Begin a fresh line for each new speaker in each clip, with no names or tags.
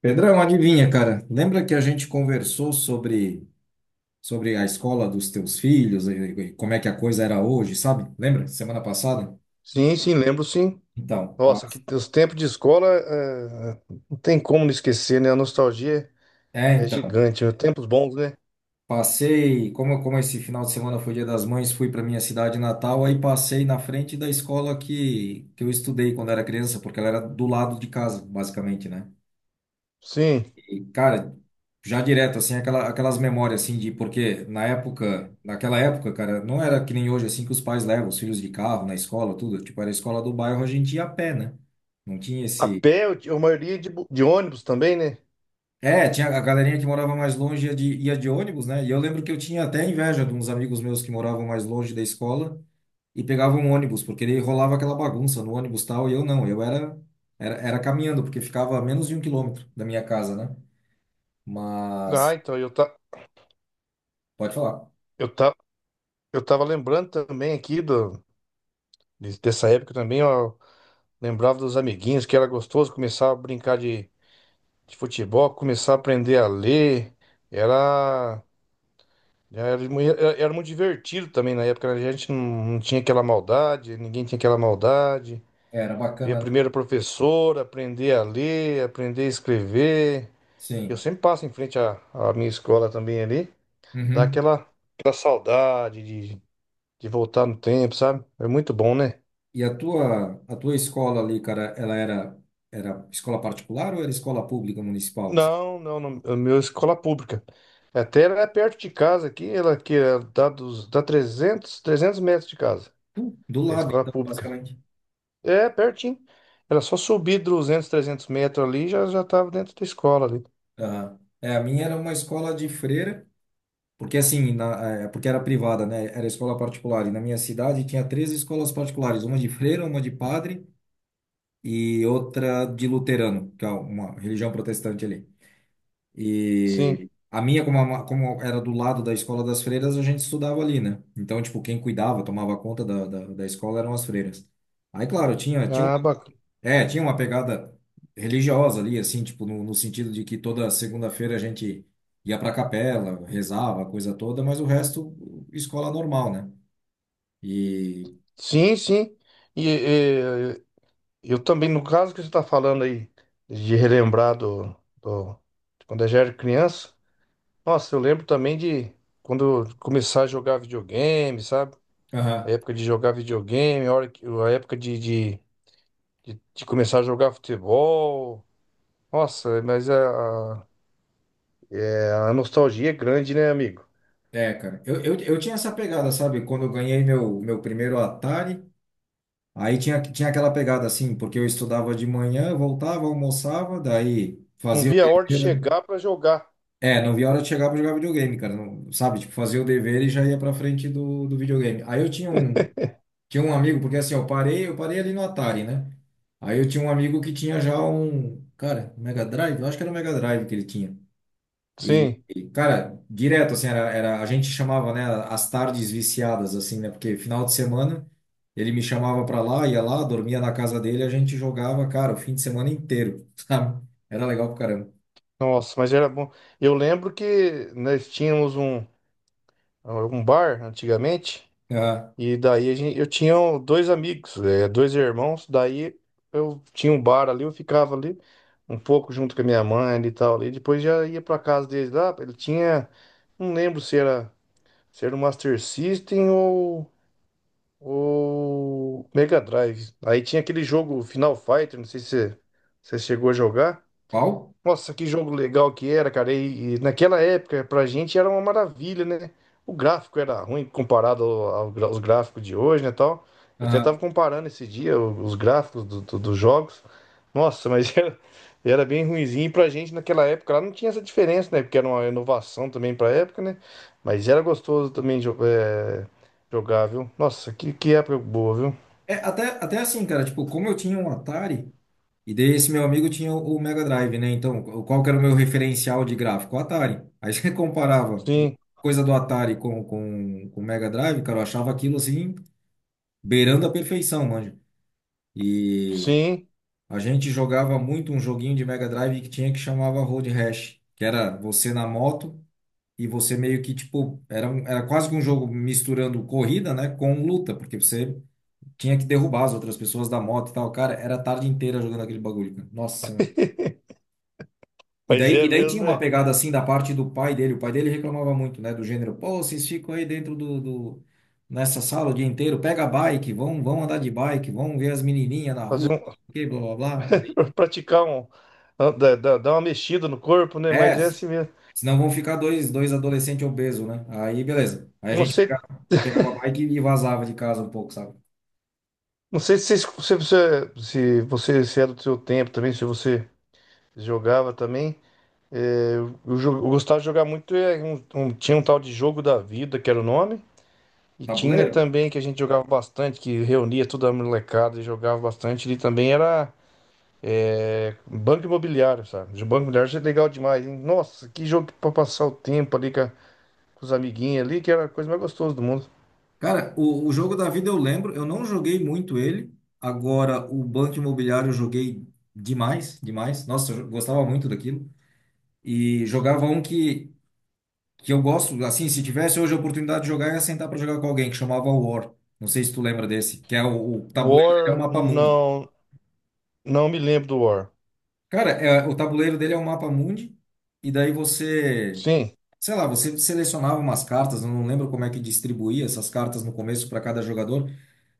Pedrão, adivinha, cara? Lembra que a gente conversou sobre a escola dos teus filhos e como é que a coisa era hoje, sabe? Lembra? Semana passada?
Sim, sim, lembro sim.
Então, pa-
Nossa, que os tempos de escola, não tem como não esquecer, né? A nostalgia
é,
é
então,
gigante, né? Tempos bons, né?
passei, como esse final de semana foi Dia das Mães, fui para minha cidade natal, aí passei na frente da escola que eu estudei quando era criança, porque ela era do lado de casa, basicamente, né?
Sim.
E, cara, já direto, assim, aquelas memórias, assim, de porque naquela época, cara, não era que nem hoje, assim, que os pais levam os filhos de carro na escola, tudo. Tipo, era a escola do bairro, a gente ia a pé, né? Não tinha
A
esse.
pé, a maioria de ônibus também, né?
É, tinha a galerinha que morava mais longe ia de ônibus, né? E eu lembro que eu tinha até inveja de uns amigos meus que moravam mais longe da escola e pegavam um ônibus, porque ele rolava aquela bagunça no ônibus e tal, e eu não, eu era caminhando, porque ficava a menos de 1 quilômetro da minha casa, né? Mas,
Ah, então, eu, tá,
Pode falar.
eu, tá, eu tava lembrando também aqui dessa época também, ó, lembrava dos amiguinhos, que era gostoso começar a brincar de futebol, começar a aprender a ler, era... era, muito divertido também na época, né? A gente não, não tinha aquela maldade, ninguém tinha aquela maldade.
É, era
Ver a
bacana.
primeira professora, aprender a ler, aprender a escrever. Eu
Sim.
sempre passo em frente à minha escola também ali, dá
Uhum.
aquela saudade de voltar no tempo, sabe? É muito bom, né?
E a tua escola ali, cara, ela era escola particular ou era escola pública municipal, assim?
Não, não, não, a minha escola pública. Até ela é perto de casa aqui, ela que é dá 300 300 metros de casa.
Do
É
lado,
escola
então,
pública.
basicamente.
É, pertinho. Era só subir 200, 300 metros ali, já já tava dentro da escola ali.
Aham. É, a minha era uma escola de freira, porque assim, porque era privada, né? Era escola particular. E na minha cidade tinha três escolas particulares, uma de freira, uma de padre e outra de luterano, que é uma religião protestante ali. E
Sim.
a minha, como era do lado da escola das freiras, a gente estudava ali, né? Então, tipo, quem cuidava, tomava conta da escola eram as freiras. Aí, claro, tinha, tinha
Ah,
uma,
bacana.
é, tinha uma pegada religiosa ali, assim, tipo, no, no sentido de que toda segunda-feira a gente ia pra capela, rezava, a coisa toda, mas o resto, escola normal, né? E,
Sim, sim. E, eh, eu também, no caso que você está falando aí, de relembrar do- de quando eu já era criança. Nossa, eu lembro também de quando eu começar a jogar videogame, sabe? A
aham,
época de jogar videogame, a época de começar a jogar futebol. Nossa, mas a nostalgia é grande, né, amigo?
é, cara, eu tinha essa pegada, sabe? Quando eu ganhei meu primeiro Atari. Aí tinha aquela pegada assim, porque eu estudava de manhã, voltava, almoçava, daí
Não
fazia o
via a hora de
dever, né?
chegar para jogar.
É, não via a hora de chegar pra jogar videogame, cara. Não, sabe, tipo, fazia o dever e já ia pra frente do videogame. Aí eu tinha um amigo, porque assim, eu parei ali no Atari, né? Aí eu tinha um amigo que tinha já um, cara, Mega Drive, eu acho que era o Mega Drive que ele tinha. E,
Sim,
e, cara, direto, assim, a gente chamava, né, as tardes viciadas, assim, né, porque final de semana ele me chamava pra lá, ia lá, dormia na casa dele, a gente jogava, cara, o fim de semana inteiro, sabe? Era legal pra caramba.
nossa, mas era bom. Eu lembro que nós tínhamos um bar antigamente,
Aham.
e daí a gente, eu tinha dois amigos, dois irmãos, daí eu tinha um bar ali, eu ficava ali um pouco junto com a minha mãe ali e tal, ali, depois já ia para casa deles lá, ele tinha, não lembro se era, se era o Master System ou o Mega Drive. Aí tinha aquele jogo Final Fighter, não sei se você chegou a jogar.
Qual?
Nossa, que jogo legal que era, cara. E naquela época, pra gente era uma maravilha, né? O gráfico era ruim comparado aos gráficos de hoje, né, tal. Eu até
Aham.
tava comparando esse dia os gráficos dos jogos. Nossa, mas era bem ruinzinho. E pra gente naquela época lá não tinha essa diferença, né? Porque era uma inovação também pra época, né? Mas era gostoso também jogar, viu? Nossa, que época boa, viu?
É, até, até assim, cara, tipo, como eu tinha um Atari, e daí esse meu amigo tinha o Mega Drive, né, então, qual que era o meu referencial de gráfico? O Atari. Aí você comparava
Sim,
coisa do Atari com o Mega Drive, cara, eu achava aquilo, assim, beirando a perfeição, manja. E
sim.
a gente jogava muito um joguinho de Mega Drive que tinha que chamava Road Rash, que era você na moto e você meio que tipo, era quase que um jogo misturando corrida, né, com luta, porque você tinha que derrubar as outras pessoas da moto e tal. Cara, era a tarde inteira jogando aquele bagulho, cara. Nossa. E
Mas
daí,
é
e daí tinha
mesmo,
uma
né?
pegada assim da parte do pai dele. O pai dele reclamava muito, né, do gênero, pô, vocês ficam aí dentro nessa sala o dia inteiro, pega a bike, vão, vão andar de bike, vão ver as menininhas na
Fazer
rua,
um-
que blá blá blá.
praticar um. Dar uma mexida no corpo, né?
É,
Mas é assim mesmo.
senão vão ficar dois adolescentes obesos, né? Aí, beleza. Aí a
Eu não
gente
sei,
pegava, a bike e vazava de casa um pouco, sabe?
não sei se, você, se, você se você se era do seu tempo também, se você jogava também. É, eu gostava de jogar muito. Tinha um tal de Jogo da Vida, que era o nome. E tinha
Tabuleiro?
também que a gente jogava bastante, que reunia toda a molecada e jogava bastante. E também era Banco Imobiliário, sabe? O Banco Imobiliário é legal demais, hein? Nossa, que jogo pra passar o tempo com os amiguinhos ali, que era a coisa mais gostosa do mundo.
Cara, o jogo da vida eu lembro, eu não joguei muito ele. Agora, o Banco Imobiliário eu joguei demais, demais. Nossa, eu gostava muito daquilo. E jogava um que eu gosto, assim, se tivesse hoje a oportunidade de jogar, eu ia sentar pra jogar com alguém, que chamava War. Não sei se tu lembra desse, que é o tabuleiro dele é o
War,
mapa mundi.
não, não me lembro do War.
Cara, é, o tabuleiro dele é o mapa mundi, e daí você,
Sim,
sei lá, você selecionava umas cartas, eu não lembro como é que distribuía essas cartas no começo para cada jogador,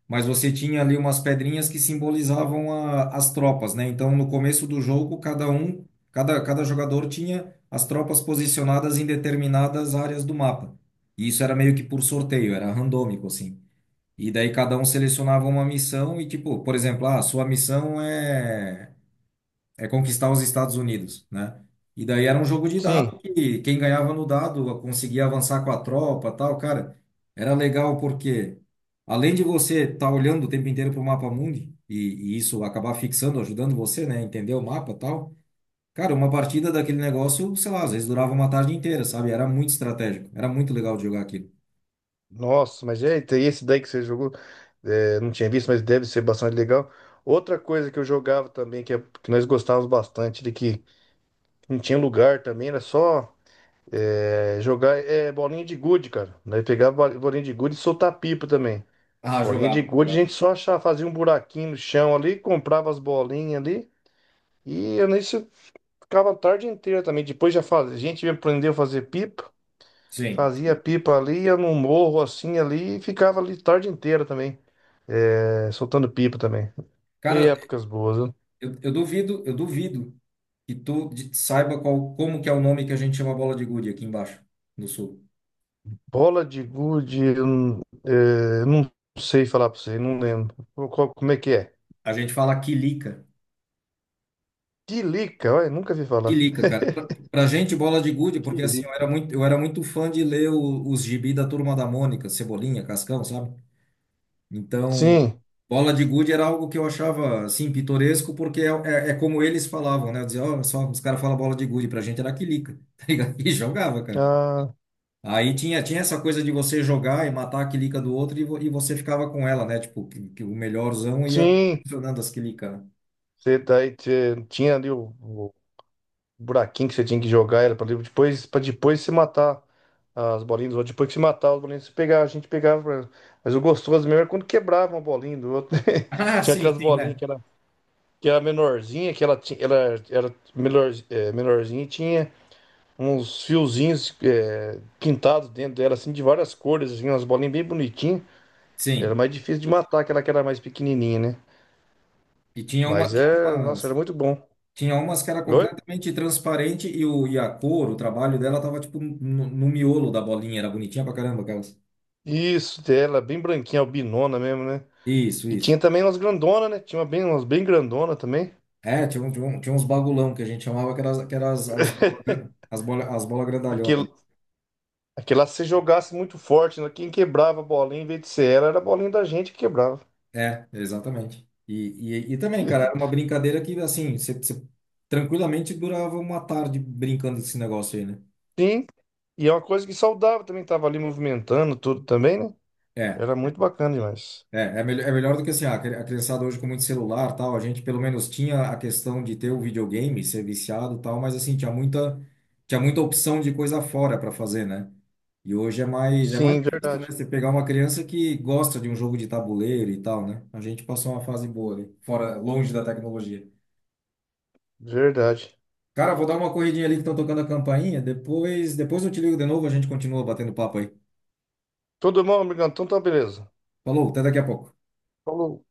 mas você tinha ali umas pedrinhas que simbolizavam as tropas, né? Então, no começo do jogo, cada jogador tinha as tropas posicionadas em determinadas áreas do mapa. E isso era meio que por sorteio, era randômico, assim. E daí cada um selecionava uma missão e, tipo, por exemplo, ah, sua missão é conquistar os Estados Unidos, né? E daí era um jogo de
sim.
dado que quem ganhava no dado conseguia avançar com a tropa, tal, cara. Era legal porque além de você estar olhando o tempo inteiro para o mapa mundi e isso acabar fixando, ajudando você, né, a entender o mapa, tal. Cara, uma partida daquele negócio, sei lá, às vezes durava uma tarde inteira, sabe? Era muito estratégico, era muito legal de jogar aquilo.
Nossa, mas eita, e esse daí que você jogou, não tinha visto, mas deve ser bastante legal. Outra coisa que eu jogava também, que nós gostávamos bastante, de que não tinha lugar também, era só bolinha de gude, cara. Nós pegava bolinha de gude e soltar pipa também.
Ah,
Bolinha de
jogava,
gude, a
jogava.
gente só achava, fazia um buraquinho no chão ali, comprava as bolinhas ali, e eu nisso ficava a tarde inteira também. Depois já fazia, a gente aprendeu a fazer pipa.
Sim.
Fazia
Sim.
pipa ali, ia num morro assim ali e ficava ali tarde inteira também, soltando pipa também. E
Cara,
épocas boas, né?
eu duvido que tu saiba qual, como que é o nome que a gente chama bola de gude aqui embaixo, no sul.
Bola de gude, eu não é, não sei falar pra você, não lembro. Como é que é?
A gente fala quilica.
Tilica, olha, nunca vi falar.
Quilica, cara. Pra gente, bola de gude,
Que
porque assim, eu
lindo.
era muito, eu era muito fã de ler os gibi da Turma da Mônica, Cebolinha, Cascão, sabe? Então,
Sim,
bola de gude era algo que eu achava, assim, pitoresco, porque é como eles falavam, né? Eu dizia, ó, só, os caras falam bola de gude, pra gente era quilica, tá ligado? E jogava, cara.
ah,
Aí tinha essa coisa de você jogar e matar a quilica do outro e, e você ficava com ela, né? Tipo, que o melhorzão ia
sim.
funcionando as quilicas, né?
Você daí tinha ali buraquinho que você tinha que jogar era para depois se matar as bolinhas do outro. Depois que se matar as bolinhas, você pegava, a gente pegava. Pra- Mas o gostoso mesmo era quando quebrava uma bolinha do outro.
Ah,
Tinha
sim,
aquelas
sim,
bolinhas
né?
que era menorzinha, ela era melhor, menorzinha e tinha uns fiozinhos pintados dentro dela, assim, de várias cores, assim, umas bolinhas bem bonitinhas. Era
Sim.
mais difícil de matar aquela que era mais pequenininha, né?
E tinha uma,
Mas
tinha
é, nossa, era
umas,
muito bom.
tinha umas que era
Oi?
completamente transparente e a cor, o trabalho dela tava tipo no miolo da bolinha, era bonitinha pra caramba aquelas.
Isso, ela é bem branquinha, albinona mesmo, né?
Isso,
E
isso.
tinha também umas grandona, né? Tinha uma bem, umas bem grandona também.
É, tinha uns bagulão que a gente chamava que eram as bolas as bola
Porque
grandalhonas.
aquela lá, se você jogasse muito forte, né? Quem quebrava a bolinha em vez de ser ela, era a bolinha da gente que quebrava.
É, exatamente. E, também, cara, era uma brincadeira que, assim, você tranquilamente durava uma tarde brincando desse negócio aí, né?
Sim, e é uma coisa que saudava também, tava ali movimentando tudo também, né?
É,
Era muito bacana demais.
é melhor do que assim, ah, a criançada hoje com muito celular, tal, a gente pelo menos tinha a questão de ter o videogame, ser viciado, tal, mas assim, tinha muita opção de coisa fora para fazer, né? E hoje é mais
Sim,
difícil, né?
verdade,
Você pegar uma criança que gosta de um jogo de tabuleiro e tal, né? A gente passou uma fase boa ali, fora, longe da tecnologia.
verdade.
Cara, vou dar uma corridinha ali que estão tocando a campainha. Depois, eu te ligo de novo, a gente continua batendo papo aí.
Tudo bom, amigão? Então tá beleza.
Falou, até daqui a pouco.
Falou.